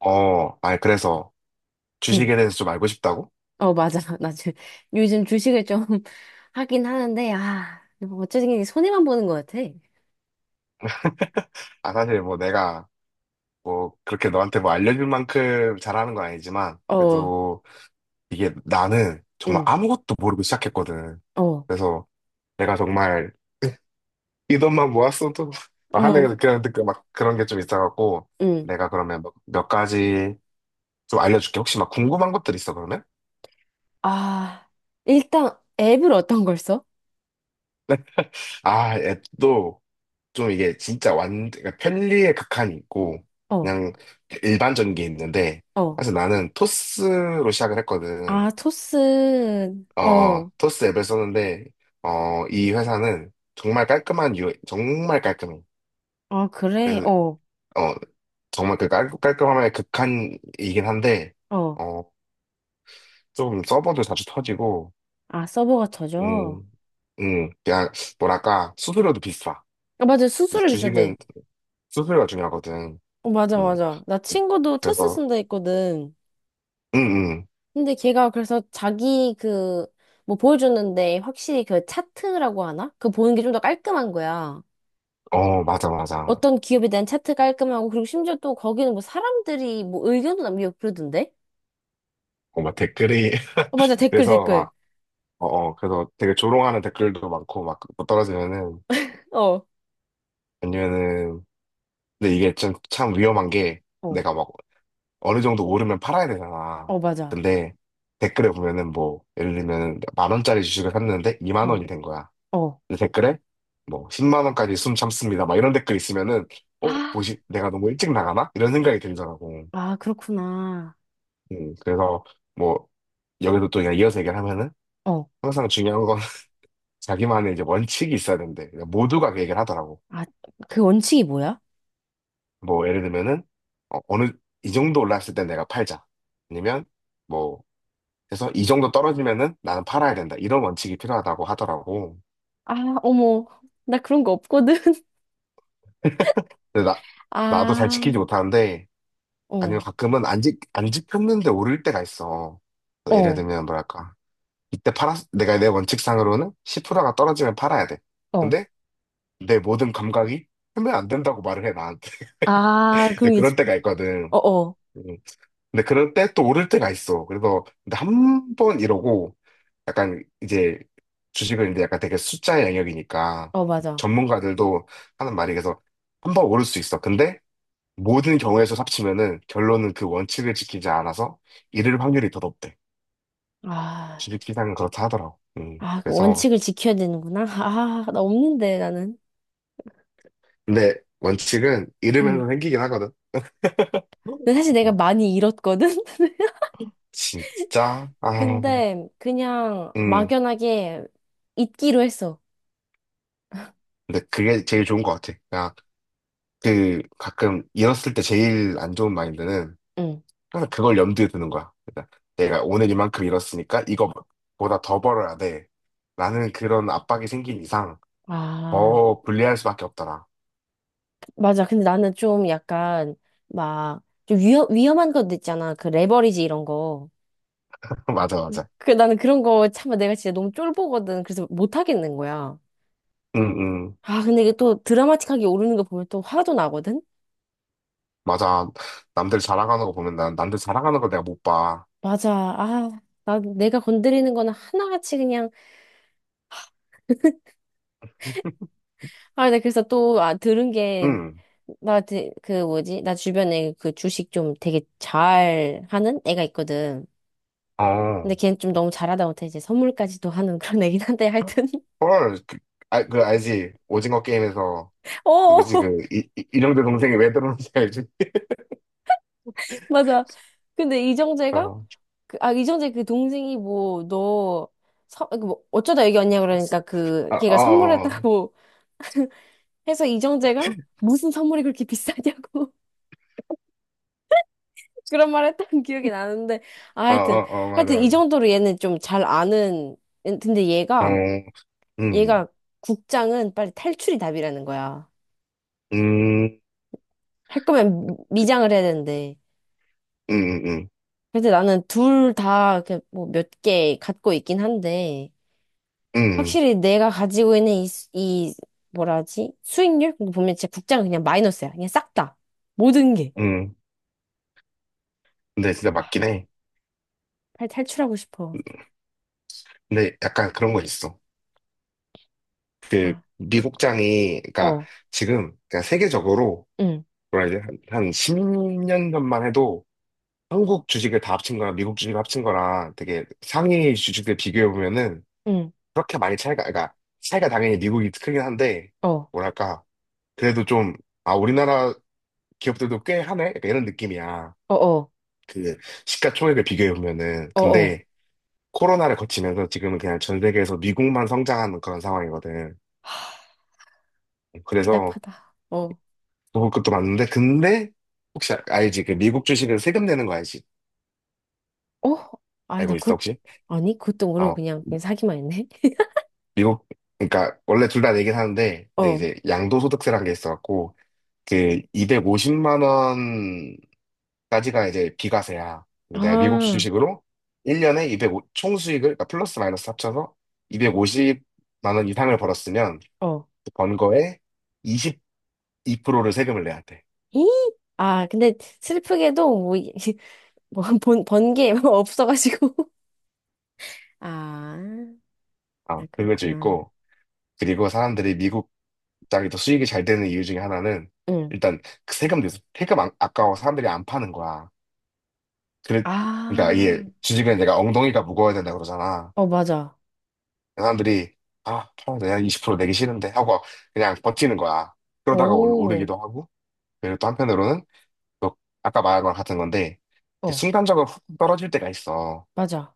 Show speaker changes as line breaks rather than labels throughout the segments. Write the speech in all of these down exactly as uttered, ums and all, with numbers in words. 어, 아니, 그래서
응.
주식에 대해서 좀 알고 싶다고?
어, 맞아. 나 주, 요즘 주식을 좀 하긴 하는데, 아, 어쨌든 손해만 보는 것 같아.
아, 사실 뭐 내가 뭐 그렇게 너한테 뭐 알려줄 만큼 잘하는 건 아니지만,
어,
그래도 이게 나는 정말
응,
아무것도 모르고 시작했거든.
어,
그래서 내가 정말 이 돈만 모았어도 막
어,
하는 그런, 그- 막 그런 게 좀 있어갖고,
응.
내가 그러면 몇, 몇 가지 좀 알려줄게. 혹시 막 궁금한 것들 있어, 그러면?
아, 일단 앱을 어떤 걸 써?
아, 앱도 좀 이게 진짜 완, 그러니까 편리의 극한이 있고,
어,
그냥 일반적인 게 있는데,
어.
사실 나는 토스로 시작을 했거든.
아, 토스,
어, 어,
어,
토스 앱을 썼는데, 어, 이 회사는 정말 깔끔한 유, 정말 깔끔해.
아, 그래,
그래서,
어,
어, 정말 그 깔, 깔끔함의 극한이긴 한데,
어.
어, 좀 서버도 자주 터지고,
아, 서버가 터져.
음, 음, 그냥, 뭐랄까, 수수료도 비싸.
아, 맞아.
그래서
수수료 비싸대.
주식은 수수료가 중요하거든.
어, 맞아,
음,
맞아. 나 친구도 토스
그래서,
쓴다 했거든.
음, 음.
근데 걔가 그래서 자기 그, 뭐 보여줬는데 확실히 그 차트라고 하나? 그 보는 게 좀 더 깔끔한 거야.
어, 맞아, 맞아.
어떤 기업에 대한 차트 깔끔하고, 그리고 심지어 또 거기는 뭐 사람들이 뭐 의견도 남기고 그러던데?
어, 막 댓글이,
어, 맞아. 댓글,
그래서
댓글.
막, 어, 어, 그래서 되게 조롱하는 댓글도 많고, 막, 그거 떨어지면은,
어,
아니면은, 근데 이게 좀, 참 위험한 게,
어,
내가 막, 어느 정도 오르면 팔아야 되잖아.
어, 맞아.
근데, 댓글에 보면은 뭐, 예를 들면 만 원짜리 주식을 샀는데, 이만
어,
원이 된 거야.
어,
근데 댓글에, 뭐, 십만 원까지 숨 참습니다. 막 이런 댓글 있으면은, 어,
아,
뭐지, 내가 너무 일찍 나가나? 이런 생각이 들더라고.
아, 그렇구나.
음, 그래서, 뭐, 여기도 또 그냥 이어서 얘기를 하면은,
어.
항상 중요한 건 자기만의 이제 원칙이 있어야 된대. 그러니까 모두가 그 얘기를 하더라고.
아, 그 원칙이 뭐야?
뭐, 예를 들면은, 어, 어느, 이 정도 올랐을 때 내가 팔자. 아니면, 뭐, 해서 이 정도 떨어지면은 나는 팔아야 된다. 이런 원칙이 필요하다고 하더라고.
아, 어머. 나 그런 거 없거든.
근데 나, 나도 잘
아,
지키지 못하는데, 아니면
어,
가끔은 안 지, 안 지켰는데 오를 때가 있어. 예를
어,
들면, 뭐랄까. 이때 팔았, 내가 내 원칙상으로는 십 퍼센트가 떨어지면 팔아야 돼.
어.
근데 내 모든 감각이 하면 안 된다고 말을 해, 나한테.
아,
근데
그럼 이제,
그럴 때가 있거든.
어, 어.
음. 근데 그럴 때 또 오를 때가 있어. 그래서 근데 한 번 이러고 약간 이제 주식은 이제 약간 되게 숫자의 영역이니까
어, 맞아.
전문가들도 하는 말이 그래서 한 번 오를 수 있어. 근데 모든 경우에서 합치면은 결론은 그 원칙을 지키지 않아서 이를 확률이 더 높대.
아.
주식 시장은 그렇다 하더라고. 음,
아, 그
그래서
원칙을 지켜야 되는구나. 아, 나 없는데, 나는.
근데 원칙은
응.
잃으면서 생기긴 하거든.
근데 사실 내가
음,
많이 잃었거든?
진짜 아,
근데 그냥
음,
막연하게 잊기로 했어.
근데 그게 제일 좋은 것 같아. 아, 그 가끔 잃었을 때 제일 안 좋은 마인드는
응.
항상 그걸 염두에 두는 거야. 그러니까 내가 오늘 이만큼 잃었으니까 이거보다 더 벌어야 돼. 라는 그런 압박이 생긴 이상
아,
더 불리할 수밖에 없더라.
맞아. 근데 나는 좀 약간 막 좀 위험, 위험한 것도 있잖아. 그 레버리지 이런 거.
맞아,
응.
맞아.
그 나는 그런 거 참 내가 진짜 너무 쫄보거든. 그래서 못 하겠는 거야.
응, 응.
아, 근데 이게 또 드라마틱하게 오르는 거 보면 또 화도 나거든?
맞아. 남들 자랑하는 거 보면 난 남들 자랑하는 거 내가 못 봐.
맞아. 아, 나 내가 건드리는 거는 하나같이 그냥. 아, 나 그래서 또, 아, 들은 게,
응.
나, 드- 그, 뭐지? 나 주변에 그 주식 좀 되게 잘 하는 애가 있거든.
어.
근데 걔는 좀 너무 잘하다 못해 이제 선물까지도 하는 그런 애긴 한데, 하여튼.
헐. 그, 아, 그 알지? 오징어 게임에서 누구지?
어,
그 이, 이, 이령대 동생이 왜 들어오는지 알지?
맞아. 근데 이정재가?
어.
그, 아, 이정재 그 동생이 뭐, 너, 서, 그뭐 어쩌다 여기 왔냐 그러니까 그,
아,
걔가
어.
선물했다고 해서 이정재가 무슨 선물이 그렇게 비싸냐고. 그런 말 했던 기억이 나는데, 아,
어,
하여튼,
어, 어,
하여튼
맞아,
이
맞아.
정도로 얘는 좀 잘 아는, 근데
어,
얘가,
음,
얘가 국장은 빨리 탈출이 답이라는 거야.
음,
할 거면 미- 미장을 해야 되는데.
음, 음,
근데 나는 둘 다 뭐 몇 개 갖고 있긴 한데,
음,
확실히 내가 가지고 있는 이, 수- 이 뭐라 하지? 수익률? 그거 보면 진짜 국장은 그냥 마이너스야. 그냥 싹 다. 모든 게.
음. 근데 진짜 맞긴 해.
빨리 탈출하고 싶어.
근데 약간 그런 거 있어.
아,
미국장이, 그러니까
어,
지금, 그러니까 세계적으로,
응,
뭐라 이제 한, 한 십 년 전만 해도 한국 주식을 다 합친 거랑 미국 주식을 합친 거랑 되게 상위 주식들 비교해보면은
응,
그렇게 많이 차이가, 그러니까 차이가 당연히 미국이 크긴 한데,
어, 어,
뭐랄까, 그래도 좀, 아, 우리나라 기업들도 꽤 하네? 약간 이런 느낌이야.
어,
그 시가총액을 비교해 보면은
어,
근데 코로나를 거치면서 지금은 그냥 전 세계에서 미국만 성장하는 그런 상황이거든.
어.
그래서
답답하다. 어,
그것도 많은데 근데 혹시 아- 알지? 그 미국 주식은 세금 내는 거 알지?
어? 아니, 나
알고 있어
곧,
혹시?
아니, 곧동으로
어
그냥, 그냥, 사기만 했네.
미국 그러니까 원래 둘 다 내긴 하는데 근데
어,
이제 양도소득세라는 게 있어갖고 그 이백오십만 원까지가 이제 비과세야. 근데 내가 미국
아,
주식으로 일 년에 이 공 총수익을, 그러니까 플러스 마이너스 합쳐서 이백오십만 원 이상을 벌었으면
어,
번 거에 이십이 퍼센트를 세금을 내야 돼.
이? 아, 근데 슬프게도 뭐, 이- 뭐 번, 번개 없어가지고. 아,
아,
아,
그것도
그렇구나.
있고, 그리고 사람들이 미국 땅이 더 수익이 잘 되는 이유 중에 하나는,
응.
일단, 그 세금 내서, 세금 안- 아까워 사람들이 안 파는 거야. 그래, 그러니까 이게
아,
주식은 내가 엉덩이가 무거워야 된다 그러잖아.
어, 맞아.
사람들이, 아, 팔아 내가 이십 퍼센트 내기 싫은데 하고 그냥 버티는 거야. 그러다가 올-
오,
오르기도 하고, 그리고 또 한편으로는, 또 아까 말한 거랑 같은 건데, 이제
어,
순간적으로 훅 떨어질 때가 있어.
맞아.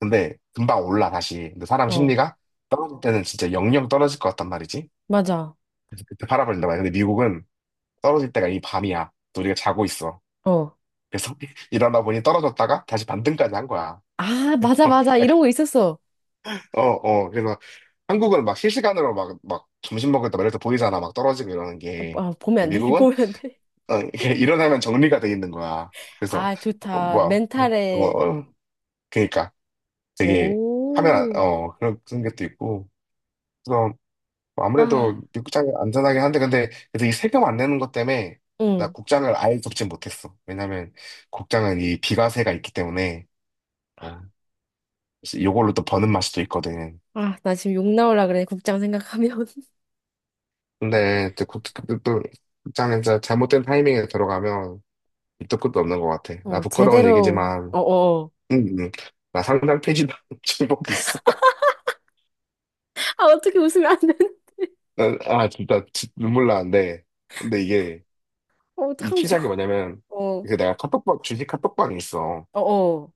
근데 금방 올라 다시. 근데 사람
어,
심리가 떨어질 때는 진짜 영영 떨어질 것 같단 말이지.
맞아.
그래서 그때 팔아버린단 말이야. 근데 미국은 떨어질 때가 이 밤이야. 또 우리가 자고 있어.
어.
그래서 일어나 보니 떨어졌다가 다시 반등까지 한 거야.
아, 맞아, 맞아.
약간
이런 거 있었어.
어, 어. 그래서 한국은 막 실시간으로 막, 막 점심 먹을 때 이렇게 보이잖아. 막 떨어지고 이러는
아,
게.
아, 보면 안
근데
돼.
미국은
보면 안 돼.
어, 이렇게 일어나면 정리가 돼 있는 거야. 그래서
아,
어,
좋다.
뭐야. 어, 어,
멘탈에.
어. 그러니까 되게 하면 안-
오.
어 그런 그런 것도 있고. 뭐 아무래도
아,
미국장이 안전하긴 한데, 근데, 그래서 이 세금 안 내는 것 때문에, 나
응.
국장을 아예 접지 못했어. 왜냐면, 국장은 이 비과세가 있기 때문에, 어, 그래서 요걸로 또 버는 맛이 또 있거든.
아, 나 지금 욕 나올라 그래, 국장 생각하면.
근데, 또, 국- 또, 또 국장에 진짜 잘못된 타이밍에 들어가면, 밑도 끝도 없는 것 같아. 나
어,
부끄러운
제대로,
얘기지만,
어어,
음, 음. 음. 나 상장 폐지 중복 있어.
아, 어떻게 웃으면 안 되는?
난- 아, 진짜, 지- 눈물 나는데. 근데 이게,
어,
이
어떡하면
시작이
좋아.
뭐냐면,
어,
그 내가 카톡방, 주식 카톡방이 있어.
어어,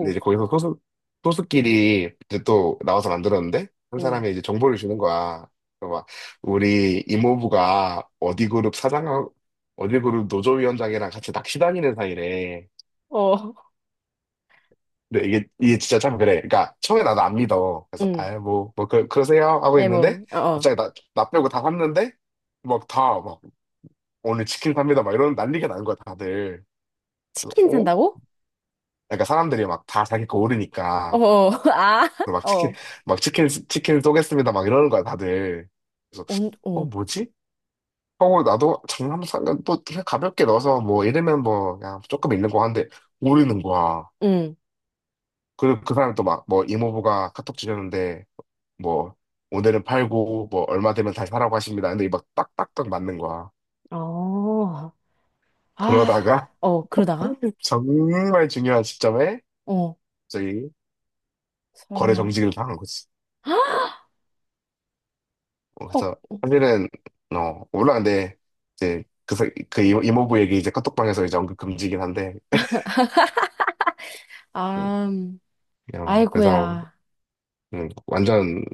근데 이제 거기서 소수, 소수끼리 이제 또 나와서 만들었는데, 한
응,
사람이 이제 정보를 주는 거야. 그래서 막, 우리 이모부가 어디 그룹 사장, 어디 그룹 노조위원장이랑 같이 낚시 다니는 사이래.
어.
근데 이게, 이게 진짜 참 그래. 그러니까, 처음에 나도 안 믿어. 그래서,
응,
아, 뭐, 뭐, 그, 그러세요? 하고
에
있는데,
뭐, 어어,
갑자기 나, 나 빼고 다 샀는데, 막 다, 막, 오늘 치킨 삽니다. 막 이런 난리가 난 거야, 다들. 그래서,
치킨
어?
산다고?
그러니까 사람들이 막 다 자기 거 오르니까.
어어, 아,
그래서 막 치킨,
어,
막 치킨, 치킨 쏘겠습니다. 막 이러는 거야, 다들. 그래서,
온,
어,
어,
뭐지? 하고 나도 장난 삼간 또 그냥 가볍게 넣어서 뭐 이러면 뭐 그냥 조금 있는 거 하는데 오르는 거야.
응,
그리고 그 사람이 또 막 뭐 이모부가 카톡 주셨는데 뭐 오늘은 팔고 뭐 얼마 되면 다시 사라고 하십니다. 근데 막 딱딱딱 맞는 거야.
어, 아,
그러다가
어, 그러다가,
정말 중요한 시점에
어,
저희 거래
설마,
정지를 당한 거지. 어,
헉,
그래서 사실은 어 물론 근데 이제 그, 사- 그 이모- 이모부 얘기 이제 카톡방에서 이제 언급 금지긴 한데 음,
아, 음.
그냥 그래서
아이고야,
음, 완전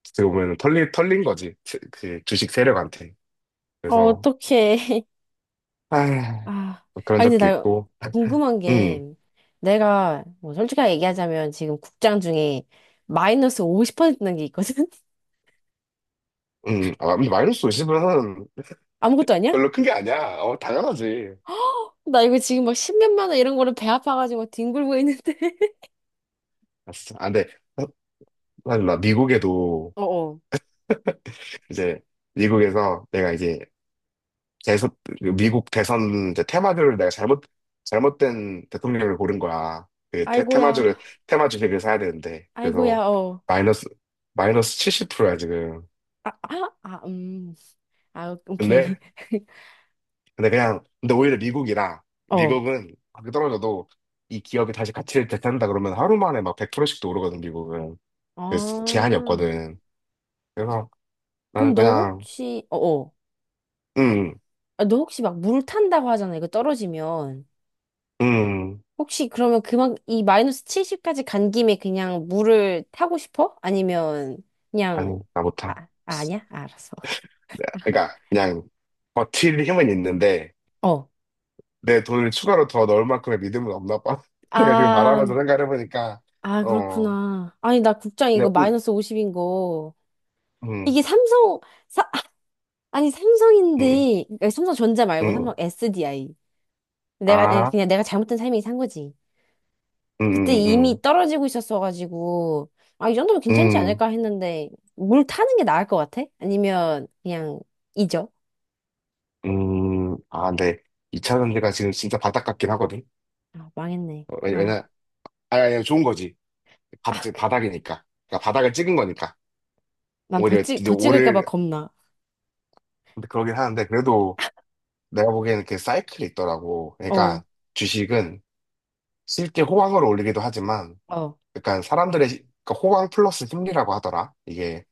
어떻게 보면 털린 털린 거지 세- 그 주식 세력한테
어,
그래서
어떡해.
아
아,
그런
아 근데
적도
나
있고
궁금한 게,
음,
내가 뭐 솔직하게 얘기하자면 지금 국장 중에 마이너스 오십 퍼센트난 게 있거든?
음, 아, 근데 마이너스 오십은
아무것도 아니야?
별로 큰 게 아니야. 어, 당연하지.
나 이거 지금 막 십몇만 원 이런 거를 배 아파가지고 뒹굴고 있는데.
아, 진짜. 아, 근데, 사실 나 미국에도,
어어.
이제, 미국에서 내가 이제 대선, 미국 대선 이제 테마주를 내가 잘못, 잘못된 대통령을 고른 거야. 그 테,
아이고야.
테마주를, 테마 주식을 사야 되는데.
아이고야.
그래서
어.
마이너스, 마이너스 칠십 퍼센트야, 지금.
아, 아, 아, 음. 아, 오케이.
근데, 근데 그냥, 근데 오히려 미국이라,
어.
미국은 그렇게 떨어져도 이 기업이 다시 가치를 되찾는다 그러면 하루 만에 막 백 퍼센트씩도 오르거든, 미국은.
아.
그래서 제한이 없거든. 그래서
그럼
나는
너
그냥,
혹시 어어.
음,
아, 너 혹시 막 물 탄다고 하잖아. 이거 떨어지면.
음,
혹시 그러면 그만, 이 마이너스 칠십까지 간 김에 그냥 물을 타고 싶어? 아니면 그냥,
아니, 나
아,
못함.
아, 아니야? 아, 알았어.
그러니까 그냥 버틸 힘은 있는데,
어.
내 돈을 추가로 더 넣을 만큼의 믿음은 없나 봐. 내가 지금
아,
말하면서 생각해보니까,
아,
어,
그렇구나. 아니, 나 국장 이거
그
마이너스 오십인 거.
응,
이게 삼성, 사, 아니,
응, 응,
삼성인데, 아니, 삼성전자 말고
응.
삼성 에스디아이. 내가, 아니,
아,
그냥 내가 잘못된 삶이 산 거지. 그때
응, 응,
이미 떨어지고 있었어가지고, 아, 이 정도면 괜찮지
응,
않을까 했는데, 물 타는 게 나을 것 같아? 아니면 그냥 잊어?
응, 응. 아, 네. 이 차 전지가 지금 진짜 바닥 같긴 하거든.
아, 망했네.
어, 왜냐,
어.
왜냐- 아니, 아니, 좋은 거지. 바,
아, 그,
바닥이니까. 그러니까 바닥을 찍은 거니까.
난더
오히려
찍,
이제
더 찍을까 봐
오를,
겁나.
근데 그러긴 하는데, 그래도 내가 보기에는 그 사이클이 있더라고.
어,
그러니까 주식은 실제 호황을 올리기도 하지만,
어,
약간 사람들의 시- 그러니까 호강 플러스 심리라고 하더라. 이게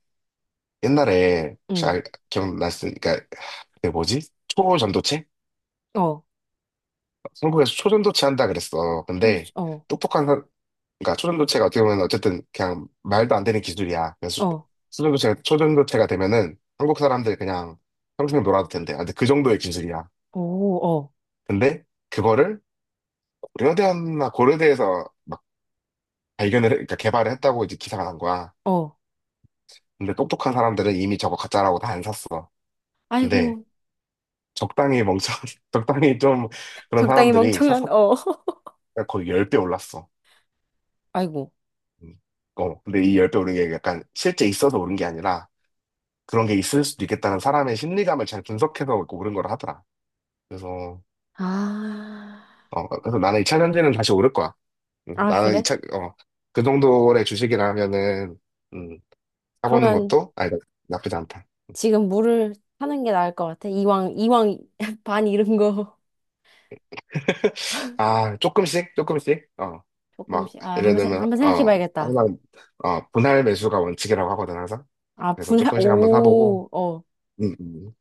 옛날에 혹시
응,
알, 기억났으니까 그러니까 그게 뭐지? 초전도체?
어,
한국에서 초전도체 한다 그랬어.
푸른 주
근데
어,
똑똑한 사 그러니까 초전도체가 어떻게 보면 어쨌든 그냥 말도 안 되는 기술이야. 그래서
어,
초전도체가, 초전도체가 되면은 한국 사람들 그냥 평생 놀아도 된대. 아, 근데 그 정도의 기술이야.
오, 어,
근데 그거를 고려대였나 고려대에서 막 발견을, 해- 그러니까 개발을 했다고 이제 기사가 난 거야.
어.
근데 똑똑한 사람들은 이미 저거 가짜라고 다 안 샀어. 근데
아이고,
적당히 멍청, 적당히 좀 그런
적당히
사람들이
멍청한,
사사
어.
거의 십 배 올랐어.
아이고.
음. 어, 근데 이 십 배 오른 게 약간 실제 있어서 오른 게 아니라 그런 게 있을 수도 있겠다는 사람의 심리감을 잘 분석해서 오른 거라 하더라. 그래서,
아,
어, 그래서 나는 이 차 전지는 다시 오를 거야. 음,
아,
나는 이
그래?
차 어, 그 정도의 주식이라면은, 음, 사보는
그러면
것도, 아니, 나- 나쁘지 않다.
지금 물을 타는 게 나을 것 같아. 이왕, 이왕 반 잃은 거
아, 조금씩, 조금씩, 어, 막,
조금씩. 아,
예를
한번, 세,
들면,
한번 생각해
어,
봐야겠다.
항상, 어, 분할 매수가 원칙이라고 하거든, 항상.
아,
그래서
분해,
조금씩 한번 사보고,
오, 어,
음, 음.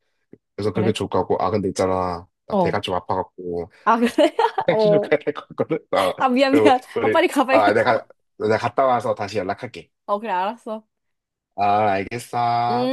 그래서 그게
그래?
좋을 것 같고, 아, 근데 있잖아. 나
어.
배가 좀 아파갖고,
아, 그래?
맥주를
어.
가야 될 것 같거든. 어.
아, 미안,
그리고
미안. 아,
우리,
빨리
아,
가봐야겠다.
내가, 내가 갔다 와서 다시 연락할게.
어, 그래, 알았어.
아,
응?
알겠어.